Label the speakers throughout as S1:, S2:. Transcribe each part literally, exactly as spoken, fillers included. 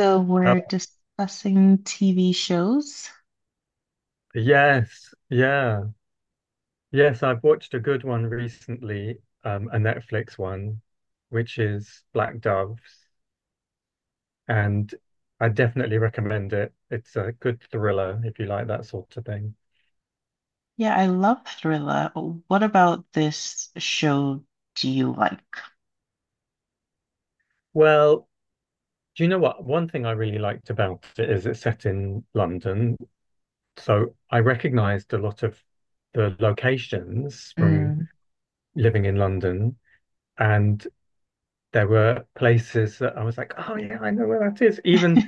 S1: So we're
S2: Uh,
S1: discussing T V shows.
S2: yes, yeah, yes. I've watched a good one recently, um, a Netflix one, which is Black Doves, and I definitely recommend it. It's a good thriller if you like that sort of thing.
S1: Yeah, I love Thriller. What about this show do you like?
S2: Well, do you know what? One thing I really liked about it is it's set in London, so I recognized a lot of the locations from
S1: Mm.
S2: living in London, and there were places that I was like, oh yeah, I know where that is. Even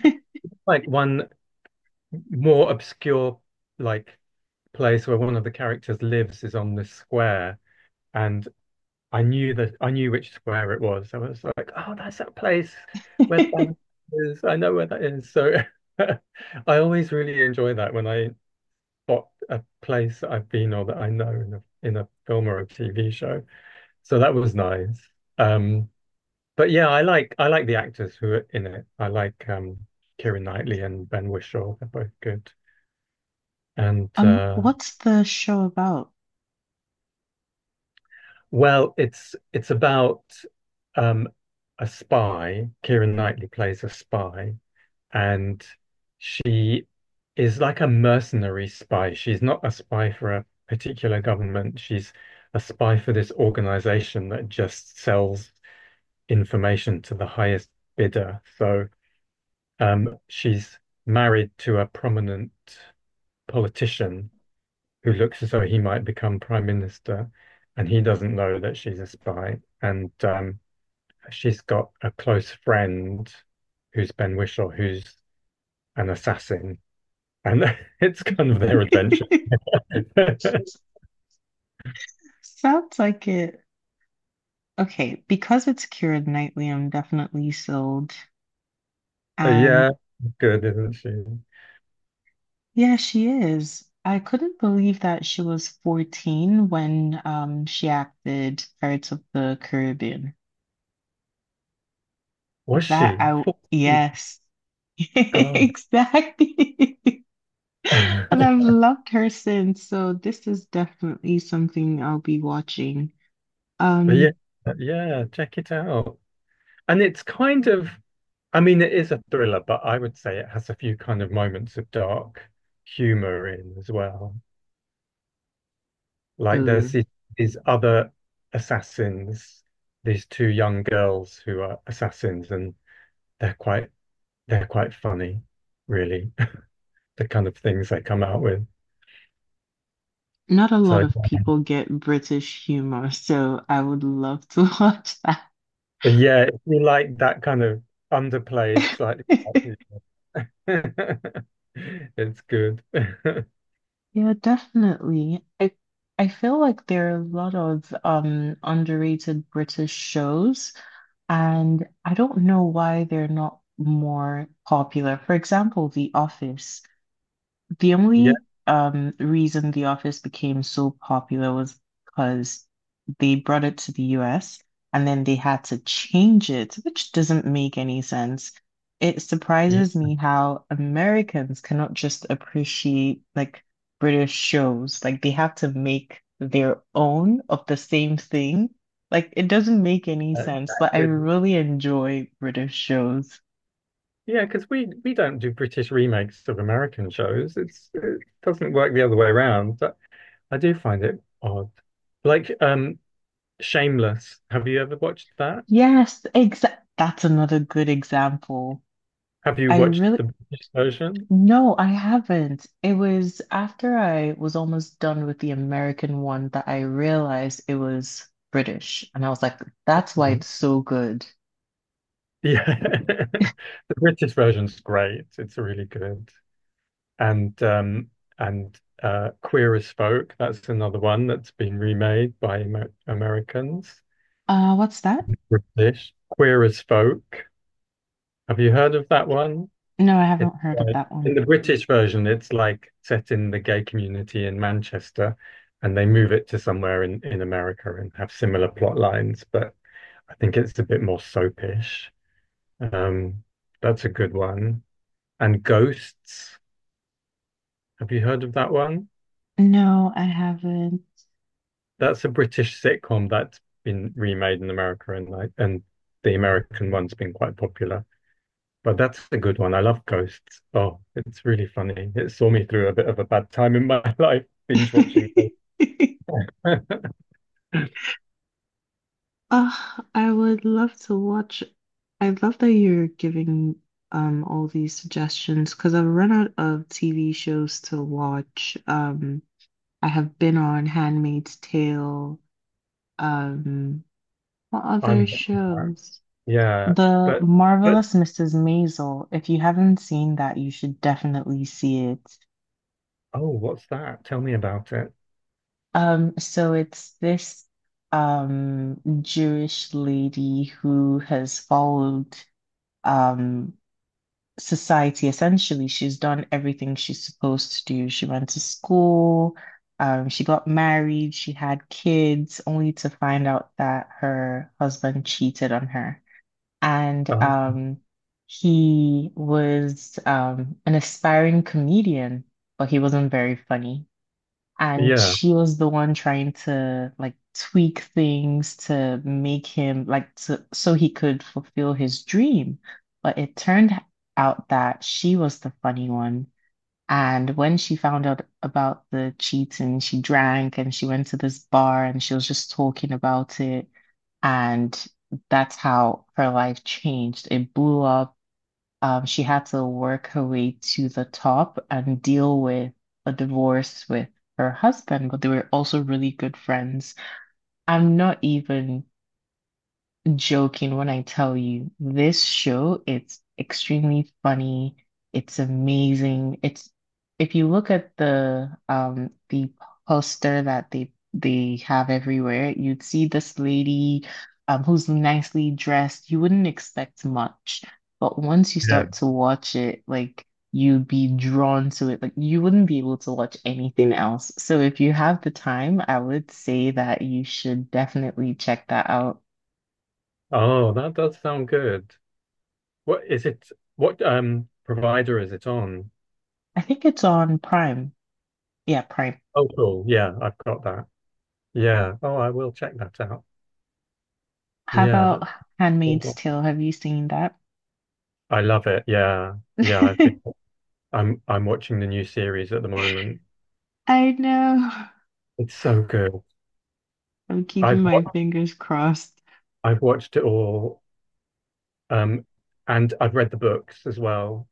S2: like one more obscure like place where one of the characters lives is on this square and I knew that I knew which square it was. I was like, oh, that's that place where the band is. I know where that is. So I always really enjoy that when I spot a place that I've been or that I know in a in a film or a T V show. So that was nice. Um, but yeah, I like I like the actors who are in it. I like um Keira Knightley and Ben Whishaw. They're both good. And
S1: Um,
S2: uh
S1: what's the show about?
S2: Well, it's it's about um, a spy. Keira Knightley plays a spy, and she is like a mercenary spy. She's not a spy for a particular government. She's a spy for this organization that just sells information to the highest bidder. So um, she's married to a prominent politician who looks as though he might become prime minister, and he doesn't know that she's a spy. And um, She's got a close friend who's Ben Whishaw, who's an assassin. And it's kind of their adventures.
S1: Sounds like it. Okay, because it's Keira Knightley, I'm definitely sold. And
S2: Yeah, good, isn't she?
S1: yeah, she is. I couldn't believe that she was fourteen when um she acted Pirates of the Caribbean.
S2: Was
S1: That
S2: she?
S1: I
S2: Oh,
S1: yes.
S2: God.
S1: Exactly. And I've loved her since, so this is definitely something I'll be watching.
S2: Yeah,
S1: Um,
S2: yeah, check it out. And it's kind of, I mean, it is a thriller, but I would say it has a few kind of moments of dark humor in as well. Like
S1: uh,
S2: there's these, other assassins, these two young girls who are assassins, and they're quite they're quite funny, really, the kind of things they come out with.
S1: Not a
S2: So
S1: lot of people get British humor, so I would love to watch that.
S2: yeah, if you like that kind of underplayed, slightly, it's good.
S1: Yeah, definitely. I I feel like there are a lot of um underrated British shows. And I don't know why they're not more popular. For example, The Office. The
S2: Yeah,
S1: only um, reason The Office became so popular was because they brought it to the U S and then they had to change it, which doesn't make any sense. It
S2: yeah,
S1: surprises me how Americans cannot just appreciate like British shows. Like they have to make their own of the same thing. Like it doesn't make any sense, but I
S2: exactly.
S1: really enjoy British shows.
S2: Yeah, because we we don't do British remakes of American shows. It's it doesn't work the other way around. But I do find it odd. Like um Shameless. Have you ever watched that?
S1: Yes, exact. That's another good example.
S2: Have you
S1: I
S2: watched
S1: really,
S2: the British version?
S1: No, I haven't. It was after I was almost done with the American one that I realized it was British. And I was like, that's why it's
S2: No.
S1: so good.
S2: Yeah. The British version's great. It's really good. And um and uh Queer as Folk, that's another one that's been remade by Amer Americans.
S1: Uh, what's that?
S2: British. Queer as Folk. Have you heard of that one?
S1: No, I
S2: It's
S1: haven't heard of
S2: like
S1: that
S2: in
S1: one.
S2: the British version, it's like set in the gay community in Manchester, and they move it to somewhere in, in America and have similar plot lines, but I think it's a bit more soapish. Um, that's a good one. And Ghosts, have you heard of that one?
S1: No, I haven't.
S2: That's a British sitcom that's been remade in America and like and the American one's been quite popular. But that's a good one. I love Ghosts. Oh, it's really funny. It saw me through a bit of a bad time in my life, binge watching.
S1: Ah, I would love to watch. I love that you're giving um all these suggestions because I've run out of T V shows to watch. Um, I have been on Handmaid's Tale. Um, what other
S2: I'm watching that.
S1: shows?
S2: Yeah,
S1: The
S2: but but
S1: Marvelous missus Maisel. If you haven't seen that, you should definitely see it.
S2: oh, what's that? Tell me about it.
S1: Um, so it's this um Jewish lady who has followed um society essentially. She's done everything she's supposed to do. She went to school, um, she got married, she had kids, only to find out that her husband cheated on her. And
S2: Oh,
S1: um, He was um, an aspiring comedian, but he wasn't very funny. And
S2: yeah,
S1: she was the one trying to like tweak things to make him like to, so he could fulfill his dream. But it turned out that she was the funny one, and when she found out about the cheating, she drank and she went to this bar and she was just talking about it. And that's how her life changed. It blew up. Um, she had to work her way to the top and deal with a divorce with her husband, but they were also really good friends. I'm not even joking when I tell you this show, it's extremely funny. It's amazing. It's if you look at the um the poster that they they have everywhere, you'd see this lady um who's nicely dressed. You wouldn't expect much, but once you
S2: yeah.
S1: start to watch it, like you'd be drawn to it. Like you wouldn't be able to watch anything else. So if you have the time, I would say that you should definitely check that out.
S2: Oh, that does sound good. What is it? What um provider is it on?
S1: I think it's on Prime. Yeah, Prime.
S2: Oh, cool. Yeah, I've got that. Yeah. Oh, I will check that out.
S1: How
S2: Yeah, that's
S1: about Handmaid's Tale? Have you seen that?
S2: I love it. Yeah. Yeah, I've been I'm I'm watching the new series at the moment.
S1: I know.
S2: It's so good.
S1: I'm
S2: I've
S1: keeping my
S2: wa-
S1: fingers crossed.
S2: I've watched it all um and I've read the books as well.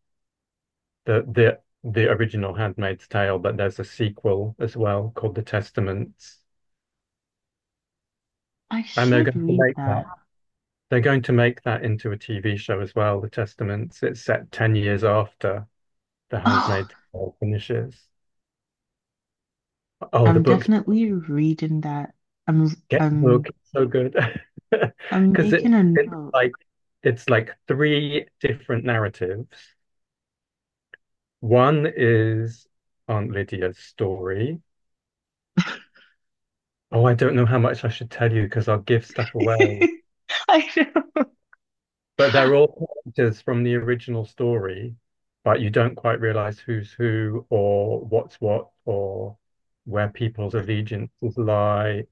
S2: The the the original Handmaid's Tale, but there's a sequel as well called The Testaments.
S1: I
S2: And they're
S1: should
S2: going to
S1: read
S2: make that.
S1: that.
S2: They're going to make that into a T V show as well, The Testaments. It's set ten years after The
S1: Oh,
S2: Handmaid's Tale finishes. Oh, the
S1: I'm
S2: book's
S1: definitely reading that. I'm
S2: get the book.
S1: I'm
S2: It's so good.
S1: I'm
S2: Because it,
S1: making a
S2: it's
S1: note.
S2: like it's like three different narratives. One is Aunt Lydia's story. Oh, I don't know how much I should tell you because I'll give stuff away.
S1: I know.
S2: But they're all characters from the original story, but you don't quite realize who's who or what's what or where people's allegiances lie.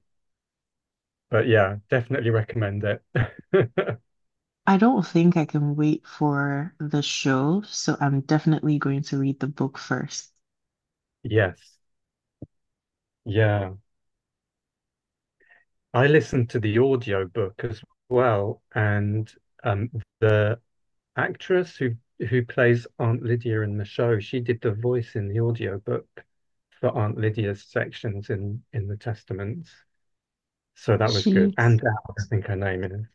S2: But yeah, definitely recommend it.
S1: I don't think I can wait for the show, so I'm definitely going to read the book first.
S2: Yes. Yeah. I listened to the audio book as well, and um, the actress who who plays Aunt Lydia in the show, she did the voice in the audio book for Aunt Lydia's sections in in the Testaments. So that was good. And
S1: She's
S2: Dowd, I think her name is.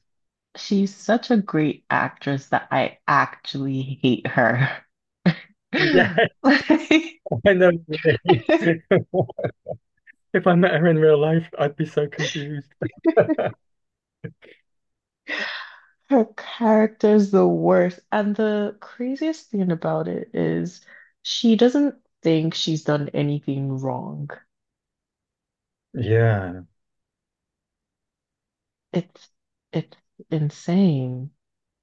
S1: She's such a great actress that I actually hate her.
S2: Yeah,
S1: Like,
S2: I know. If I met her in real life, I'd be so confused.
S1: her character's the worst. And the craziest thing about it is she doesn't think she's done anything wrong.
S2: Yeah,
S1: It's it's insane.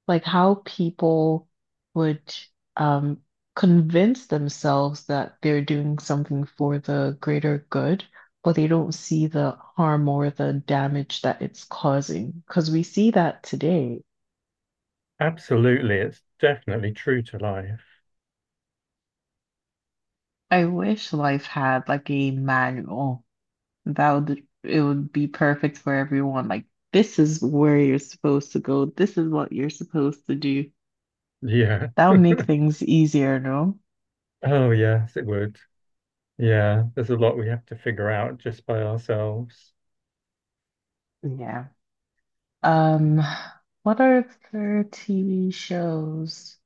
S1: Like how people would um, convince themselves that they're doing something for the greater good, but they don't see the harm or the damage that it's causing. Because we see that today.
S2: absolutely. It's definitely true to life.
S1: I wish life had like a manual that would it would be perfect for everyone. Like this is where you're supposed to go. This is what you're supposed to do.
S2: Yeah.
S1: That would make things easier, no?
S2: Oh, yes, it would. Yeah, there's a lot we have to figure out just by ourselves.
S1: Yeah. Um, what are their T V shows?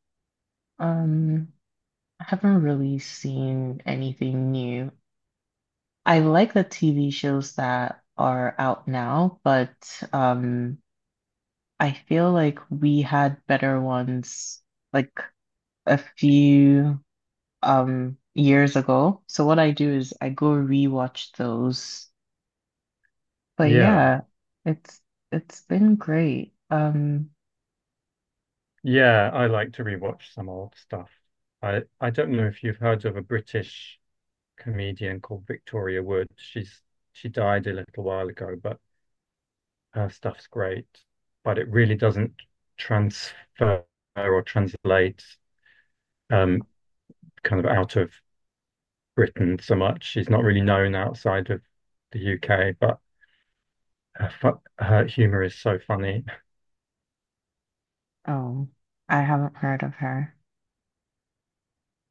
S1: Um, I haven't really seen anything new. I like the T V shows that are out now, but um, I feel like we had better ones like a few um years ago. So what I do is I go rewatch those. But
S2: Yeah.
S1: yeah, it's it's been great. Um,
S2: Yeah, I like to rewatch some old stuff. I I don't know if you've heard of a British comedian called Victoria Wood. She's she died a little while ago, but her stuff's great, but it really doesn't transfer or translate um, kind of out of Britain so much. She's not really known outside of the U K, but her, her humor is so funny
S1: oh, I haven't heard of her.